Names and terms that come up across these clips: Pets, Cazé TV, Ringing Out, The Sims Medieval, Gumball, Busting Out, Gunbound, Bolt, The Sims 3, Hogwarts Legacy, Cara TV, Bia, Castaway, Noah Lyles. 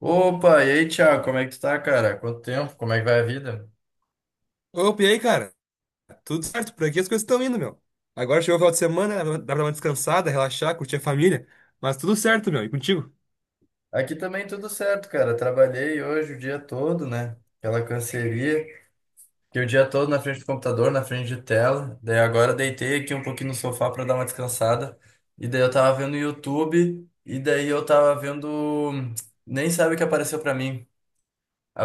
Opa, e aí, Thiago, como é que tu tá, cara? Quanto tempo? Como é que vai a vida? Opa, e aí, cara? Tudo certo, por aqui as coisas estão indo, meu. Agora chegou o final de semana, dá pra dar uma descansada, relaxar, curtir a família. Mas tudo certo, meu. E contigo? Aqui também tudo certo, cara. Trabalhei hoje o dia todo, né? Aquela canseria. Fiquei o dia todo na frente do computador, na frente de tela. Daí agora deitei aqui um pouquinho no sofá pra dar uma descansada. E daí eu tava vendo YouTube. E daí eu tava vendo. Nem sabe o que apareceu pra mim.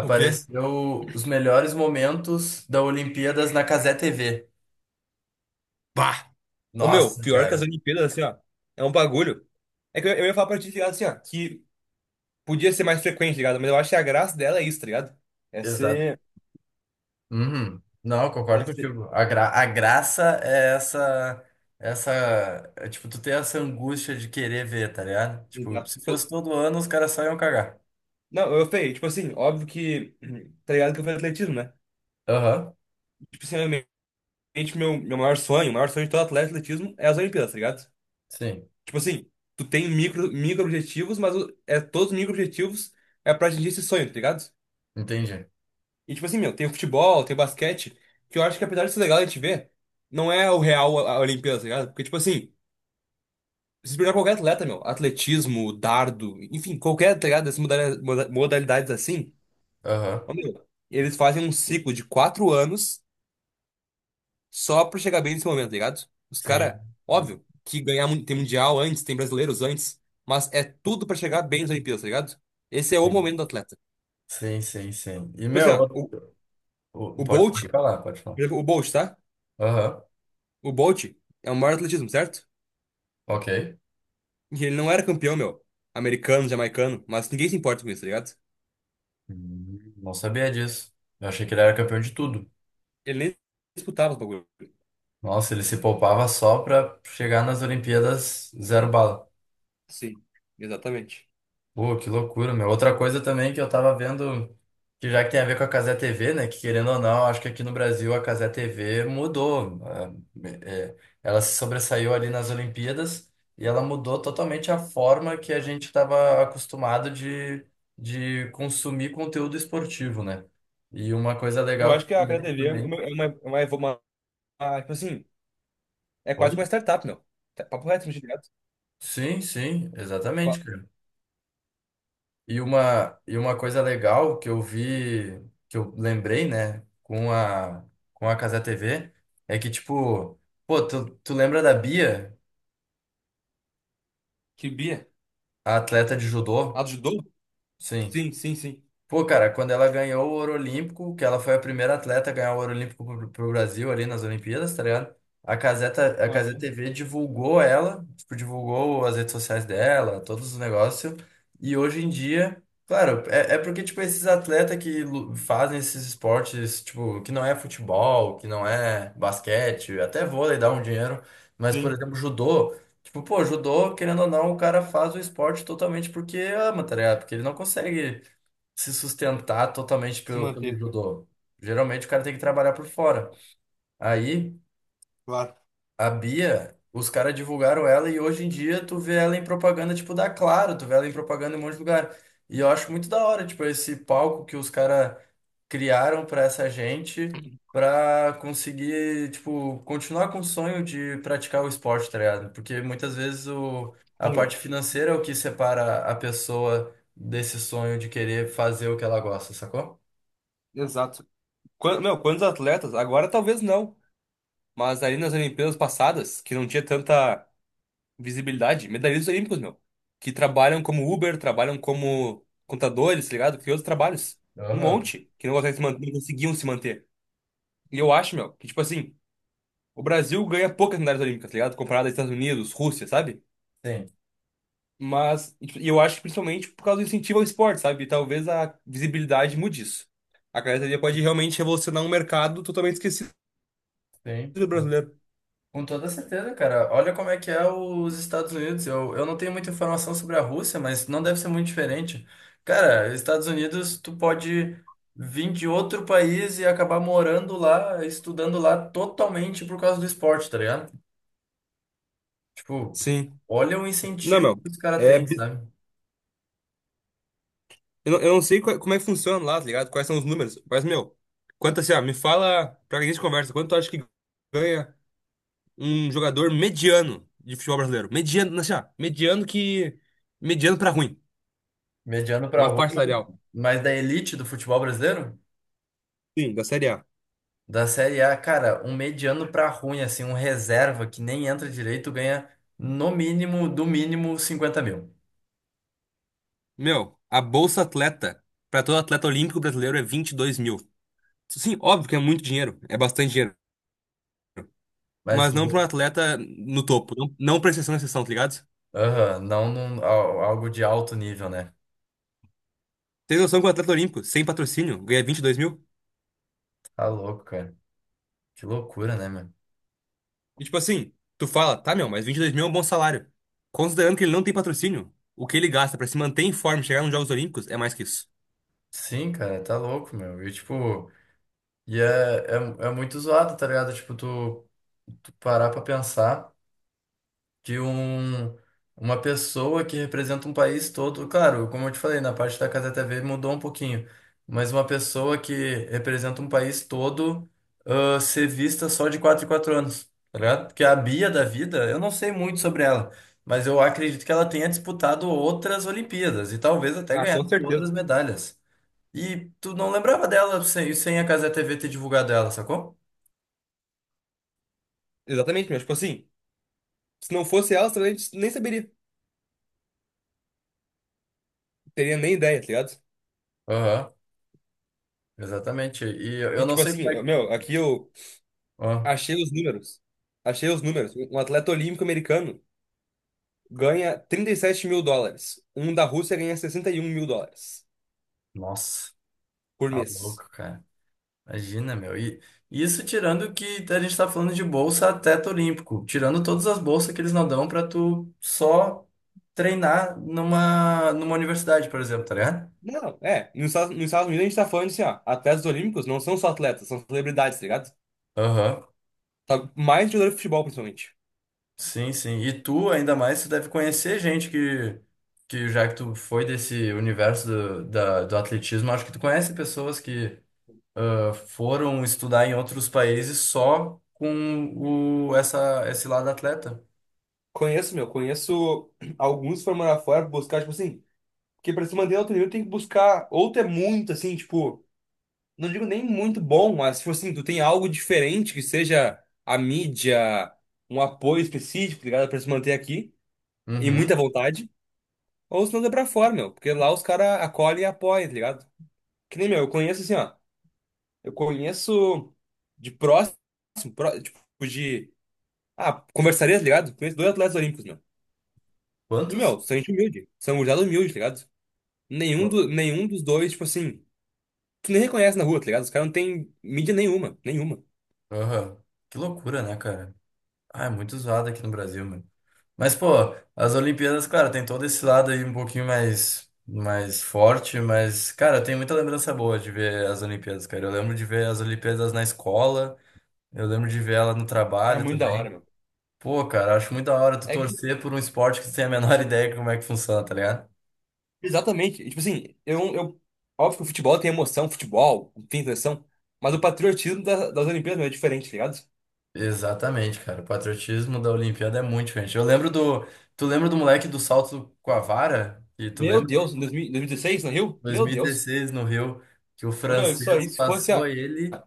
O quê? os melhores momentos da Olimpíadas na Cazé TV. Bah! Ô, meu, Nossa, pior que as cara. Olimpíadas, assim, ó, é um bagulho. É que eu ia falar pra ti, tá ligado, assim, ó, que podia ser mais frequente, tá ligado? Mas eu acho que a graça dela é isso, tá ligado? É ser... Uhum. Não, eu É concordo ser... contigo. A graça é essa, é, tipo, tu ter essa angústia de querer ver, tá ligado? Tipo, Exato. se fosse Tipo, todo ano, os caras só iam cagar. não, eu falei, tipo assim, óbvio que... Tá ligado que eu falei atletismo, né? Aham. Tipo assim, realmente, meu maior sonho, o maior sonho de todo atleta de atletismo é as Olimpíadas, tá ligado? Sim, Tipo assim, tu tem micro objetivos, mas é todos os micro objetivos é pra atingir esse sonho, tá ligado? entendi. E tipo assim, meu, tem o futebol, tem o basquete, que eu acho que apesar de ser legal a gente ver, não é o real a Olimpíada, tá ligado? Porque tipo assim, se você pegar qualquer atleta, meu, atletismo, dardo, enfim, qualquer, tá ligado? Dessas modalidades, assim, Aham. ó, meu, eles fazem um ciclo de 4 anos só pra chegar bem nesse momento, tá ligado? Os Sim, caras, óbvio, que ganhar tem mundial antes, tem brasileiros antes, mas é tudo pra chegar bem nas Olimpíadas, tá ligado? Esse é o sim, momento do atleta. sim, sim, sim. E, Tipo assim, meu, ó, outro- o, o- o pode, Bolt, pode falar, pode falar. por exemplo, o Bolt, tá? Aham. O Bolt é o maior atletismo, certo? Ok. E ele não era campeão, meu. Americano, jamaicano. Mas ninguém se importa com isso, tá ligado? Hum. Não sabia disso. Eu achei que ele era campeão de tudo. Ele nem disputava os bagulho. Nossa, ele se poupava só pra chegar nas Olimpíadas zero bala. Sim, exatamente. Pô, que loucura, meu. Outra coisa também que eu tava vendo, que já que tem a ver com a Cazé TV, né? Que querendo ou não, acho que aqui no Brasil a Cazé TV mudou. É, ela se sobressaiu ali nas Olimpíadas e ela mudou totalmente a forma que a gente estava acostumado de, consumir conteúdo esportivo, né? E uma coisa Eu legal que acho eu que a Cara lembrei TV é também. uma, é uma, é uma, uma- uma- tipo assim, é quase Oi? uma startup, meu. Papo reto, tá ligado? Sim, sim, exatamente. Qua- E uma coisa legal que eu vi, que eu lembrei, né, com a, Casa TV, é que, tipo, pô, tu lembra da Bia, Que Bia? a atleta de judô? Ajudou? Sim. Sim, sim, sim. Pô, cara, quando ela ganhou o ouro olímpico, que ela foi a primeira atleta a ganhar o ouro olímpico pro, Brasil ali nas Olimpíadas, tá ligado? A Caseta, a Caseta Aham. TV divulgou ela, tipo, divulgou as redes sociais dela, todos os negócios. E hoje em dia, claro, é porque, tipo, esses atletas que fazem esses esportes, tipo, que não é futebol, que não é basquete, até vôlei dá um dinheiro, mas, por Sim, exemplo, judô. Tipo, pô, judô, querendo ou não, o cara faz o esporte totalmente porque ama, tá ligado? Porque ele não consegue se sustentar totalmente se pelo manter, judô. Geralmente o cara tem que trabalhar por fora. Aí, claro. a Bia, os caras divulgaram ela e hoje em dia tu vê ela em propaganda tipo da Claro, tu vê ela em propaganda em um monte de lugar. E eu acho muito da hora, tipo, esse palco que os caras criaram pra essa gente pra conseguir, tipo, continuar com o sonho de praticar o esporte, tá ligado? Porque muitas vezes a Sim, meu. parte financeira é o que separa a pessoa desse sonho de querer fazer o que ela gosta, sacou? Exato. Meu, quantos atletas? Agora talvez não. Mas ali nas Olimpíadas passadas, que não tinha tanta visibilidade, medalhistas olímpicos, meu. Que trabalham como Uber, trabalham como contadores, tá ligado? Que outros trabalhos. Um Aham. monte que não conseguem se manter, não conseguiam se manter. E eu acho, meu, que tipo assim, o Brasil ganha poucas medalhas olímpicas, tá ligado? Comparado aos Estados Unidos, Rússia, sabe? Sim, Mas e tipo, e eu acho que principalmente por causa do incentivo ao esporte, sabe? E talvez a visibilidade mude isso. A academia pode realmente revolucionar um mercado totalmente esquecido sim. do Com brasileiro. com toda certeza, cara. Olha como é que é os Estados Unidos. Eu não tenho muita informação sobre a Rússia, mas não deve ser muito diferente. Cara, Estados Unidos, tu pode vir de outro país e acabar morando lá, estudando lá totalmente por causa do esporte, tá ligado? Tipo, Sim. olha o Não, incentivo meu. que os caras É têm, sabe? eu não sei como é que funciona lá, tá ligado? Quais são os números. Mas, meu, quanto assim, ó, me fala, pra que a gente conversa, quanto tu acha que ganha um jogador mediano de futebol brasileiro? Mediano, assim, ó, mediano que. Mediano pra ruim. Mediano pra Uma rua, parte mas, salarial. mas da elite do futebol brasileiro? Sim, da Série A. Da Série A, cara, um mediano pra ruim, assim, um reserva que nem entra direito ganha no mínimo, do mínimo, 50 mil. Meu, a bolsa atleta pra todo atleta olímpico brasileiro é 22 mil. Sim, óbvio que é muito dinheiro, é bastante dinheiro. Mas, Mas não pra um atleta no topo, não, não pra exceção na exceção, tá ligado? aham, não algo de alto nível, né? Tem noção que o atleta olímpico, sem patrocínio, ganha 22 mil? Tá louco, cara. Que loucura, né, meu? E tipo assim, tu fala, tá, meu, mas 22 mil é um bom salário. Considerando que ele não tem patrocínio, o que ele gasta pra se manter em forma e chegar nos Jogos Olímpicos é mais que isso. Sim, cara, tá louco, meu. E, tipo, e é, é muito zoado, tá ligado? Tipo, tu parar pra pensar. De uma pessoa que representa um país todo. Claro, como eu te falei, na parte da Casa TV mudou um pouquinho, mas uma pessoa que representa um país todo, ser vista só de 4 em 4 anos, tá ligado? Porque a Bia da vida, eu não sei muito sobre ela, mas eu acredito que ela tenha disputado outras Olimpíadas e talvez até Ah, com ganhado outras certeza. medalhas. E tu não lembrava dela sem a Casa TV ter divulgado ela, sacou? Exatamente, mas tipo assim, se não fosse elas, talvez a gente nem saberia. Teria nem ideia, tá ligado? Aham, exatamente. E eu E eu não tipo sei assim, como é que. meu, aqui eu Ó, achei os números. Achei os números. Um atleta olímpico americano ganha 37 mil dólares. Um da Rússia ganha 61 mil dólares nossa. por Tá mês. louco, cara. Imagina, meu. E isso tirando que a gente tá falando de bolsa teto olímpico, tirando todas as bolsas que eles não dão pra tu só treinar numa universidade, por exemplo, tá ligado? Não, é. Nos Estados Unidos a gente tá falando, assim, ó, atletas olímpicos não são só atletas, são celebridades, tá ligado? Aham. Sabe? Mais jogador de futebol, principalmente. Sim, sim. E tu, ainda mais, tu deve conhecer gente que já que tu foi desse universo do, do atletismo, acho que tu conhece pessoas que, foram estudar em outros países só com esse lado atleta. Conheço, meu, conheço alguns que foram morar fora buscar, tipo assim, porque pra se manter em alto nível tem que buscar, ou tu é muito, assim, tipo, não digo nem muito bom, mas, tipo assim, tu tem algo diferente que seja a mídia, um apoio específico, tá ligado? Pra se manter aqui, e muita Uhum. vontade, ou se não dá pra fora, meu, porque lá os caras acolhem e apoiam, tá ligado? Que nem, meu, eu conheço assim, ó, eu conheço de próximo, tipo, de, conversaria, tá ligado? Conheço dois atletas olímpicos, meu. E, Quantos? meu, são gente humilde. São gurizada humilde, tá ligado? Nenhum dos dois, tipo assim, tu nem reconhece na rua, tá ligado? Os caras não têm mídia nenhuma, nenhuma. Aham. Que loucura, né, cara? Ah, é muito usado aqui no Brasil, mano. Mas, pô, as Olimpíadas, claro, tem todo esse lado aí um pouquinho mais forte, mas, cara, tem muita lembrança boa de ver as Olimpíadas, cara. Eu lembro de ver as Olimpíadas na escola, eu lembro de ver ela no É trabalho muito da hora, também. meu. Pô, cara, acho muito da hora tu É, torcer por um esporte que tu tem a menor ideia de como é que funciona, tá ligado? exatamente. E, tipo assim, eu. Óbvio que o futebol tem emoção, futebol tem tensão, mas o patriotismo das Olimpíadas, meu, é diferente, tá ligado? Exatamente, cara. O patriotismo da Olimpíada é muito diferente. Eu lembro do. Tu lembra do moleque do salto com a vara? E tu Meu lembra? Deus, em dois mil e 2016, no Rio? Meu Deus. 2016 no Rio, que o Ô, meu, isso francês aí, se fosse, ó, passou ele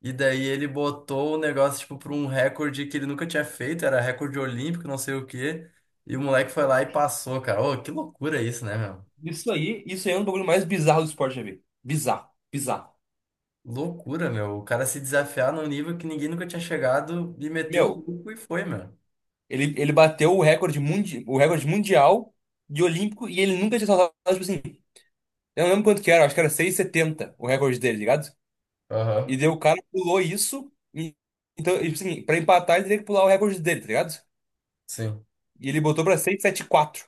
e daí ele botou o negócio tipo para um recorde que ele nunca tinha feito, era recorde olímpico, não sei o quê. E o moleque foi lá e passou, cara. Ô, que loucura isso, né, meu? Isso aí é um bagulho mais bizarro do esporte, já vi. Bizarro, bizarro. Loucura, meu. O cara se desafiar num nível que ninguém nunca tinha chegado e meteu o Meu, louco e foi, meu. ele bateu o recorde mundial de olímpico, e ele nunca tinha saltado, tipo assim, eu não lembro quanto que era, acho que era 6,70 o recorde dele, tá ligado? Aham. E daí o cara pulou isso, então, tipo assim, pra empatar ele teria que pular o recorde dele, tá ligado? Sim. E ele botou pra 6,74.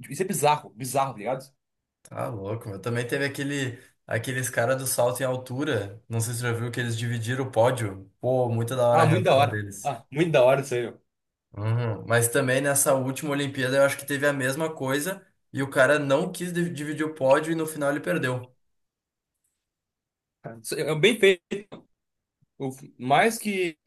Tipo, isso é bizarro, bizarro, tá ligado? Tá louco, meu. Também teve aqueles caras do salto em altura. Não sei se você já viu que eles dividiram o pódio. Pô, muito da hora a Ah, muito da reação hora. deles. Ah, muito da hora isso aí, meu. Uhum. Mas também nessa última Olimpíada eu acho que teve a mesma coisa e o cara não quis dividir o pódio e no final ele perdeu. Isso é bem feito. O- Mais que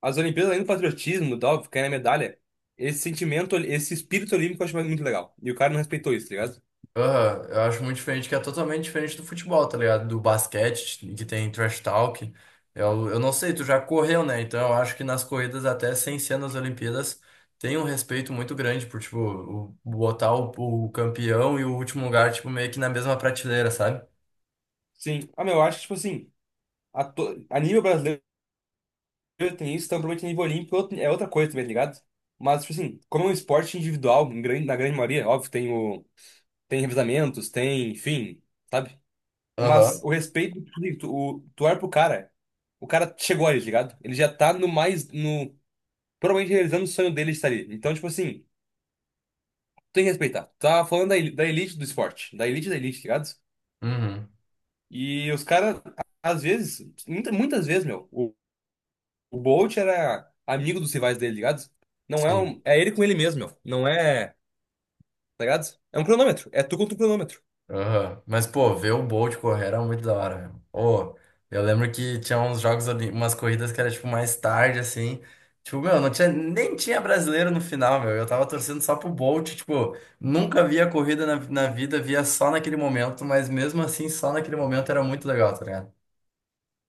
as Olimpíadas, além do patriotismo, e tal, ficar na medalha, esse sentimento, esse espírito olímpico eu acho muito legal. E o cara não respeitou isso, tá ligado? Aham. Eu acho muito diferente, que é totalmente diferente do futebol, tá ligado? Do basquete, que tem trash talk. Eu não sei, tu já correu, né? Então eu acho que nas corridas, até sem ser nas Olimpíadas, tem um respeito muito grande por, tipo, botar o campeão e o último lugar, tipo, meio que na mesma prateleira, sabe? Sim. Ah, meu, eu acho que, tipo assim, a nível brasileiro tem isso, então provavelmente a nível olímpico é outra coisa também, tá ligado? Mas, tipo assim, como é um esporte individual, na grande maioria, óbvio, tem revezamentos, tem, enfim, sabe? Mas Aham. o respeito, tu olha pro cara, o cara chegou ali, tá ligado? Ele já tá no mais, no, provavelmente realizando o sonho dele de estar ali. Então, tipo assim, tu tem que respeitar. Tu tá falando da elite do esporte, da elite, tá ligado? Uhum. E os caras, às vezes, muitas vezes, meu. O Bolt era amigo dos rivais dele, ligado? Não é Sim. um. É ele com ele mesmo, meu. Não é. Tá ligado? É um cronômetro. É tu contra um cronômetro. Aham. Mas, pô, ver o Bolt correr era muito da hora, velho. Ô, eu lembro que tinha uns jogos ali, umas corridas que era, tipo, mais tarde, assim. Tipo, meu, não tinha, nem tinha brasileiro no final, meu. Eu tava torcendo só pro Bolt, tipo, nunca via corrida na vida, via só naquele momento, mas mesmo assim, só naquele momento era muito legal, tá ligado?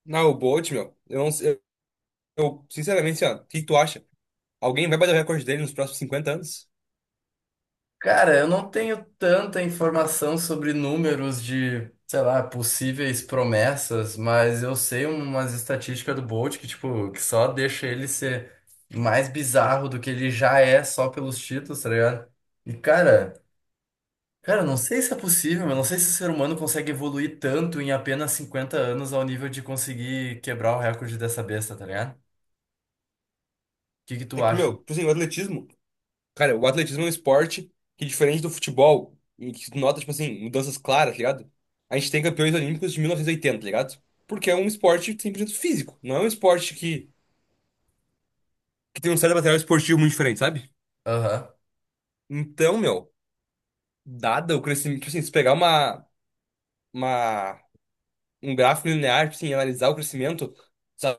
Não, o Bolt, meu. Eu não sei. Eu, sinceramente, assim, ó, o que que tu acha? Alguém vai bater o recorde dele nos próximos 50 anos? Cara, eu não tenho tanta informação sobre números de, sei lá, possíveis promessas, mas eu sei umas estatísticas do Bolt que, tipo, que só deixa ele ser mais bizarro do que ele já é só pelos títulos, tá ligado? E, cara, eu não sei se é possível, eu não sei se o ser humano consegue evoluir tanto em apenas 50 anos ao nível de conseguir quebrar o recorde dessa besta, tá ligado? O que que É tu que, acha? meu, tipo assim, o atletismo. Cara, o atletismo é um esporte que, diferente do futebol, em que tu nota, tipo assim, mudanças claras, tá ligado? A gente tem campeões olímpicos de 1980, ligado? Porque é um esporte 100% físico. Não é um esporte que tem um certo material esportivo muito diferente, sabe? Aham. Então, meu. Dada o crescimento, tipo assim, se pegar uma, um gráfico linear, tipo assim, e analisar o crescimento dos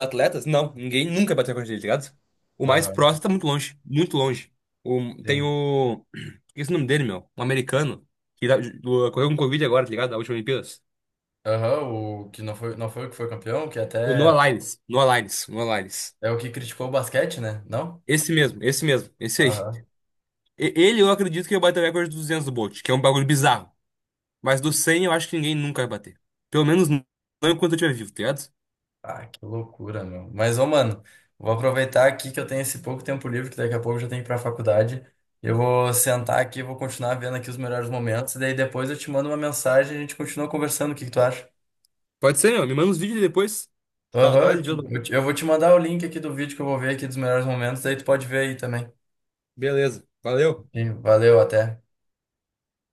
atletas, não, ninguém nunca bateu a recorde dele, tá ligado? O mais Aham. próximo tá muito longe, muito longe. O, tem Sim. o. Esqueci o nome dele, meu. Um americano, que correu com Covid agora, tá ligado? Da última Olimpíadas. Aham, o que não foi, não foi o que foi campeão, que O Noah até. Lyles. Noah Lyles. Noah Lyles. É o que criticou o basquete, né? Não? Esse mesmo, esse mesmo, esse aí. Aham. Ele, eu acredito que vai bater o recorde dos 200 do Bolt, que é um bagulho bizarro. Mas do 100 eu acho que ninguém nunca vai bater. Pelo menos não enquanto eu estiver vivo, tá ligado? Ah, que loucura, meu. Mas, ô, mano, vou aproveitar aqui que eu tenho esse pouco tempo livre, que daqui a pouco eu já tenho que ir pra faculdade. Eu vou sentar aqui, vou continuar vendo aqui os melhores momentos, e daí depois eu te mando uma mensagem e a gente continua conversando. O que que tu acha? Pode ser, meu. Me manda uns vídeos depois. Aham. eu, Saudade, viu? te- eu te- eu vou te mandar o link aqui do vídeo que eu vou ver aqui dos melhores momentos, daí tu pode ver aí também. Beleza. Valeu. Sim, valeu, até.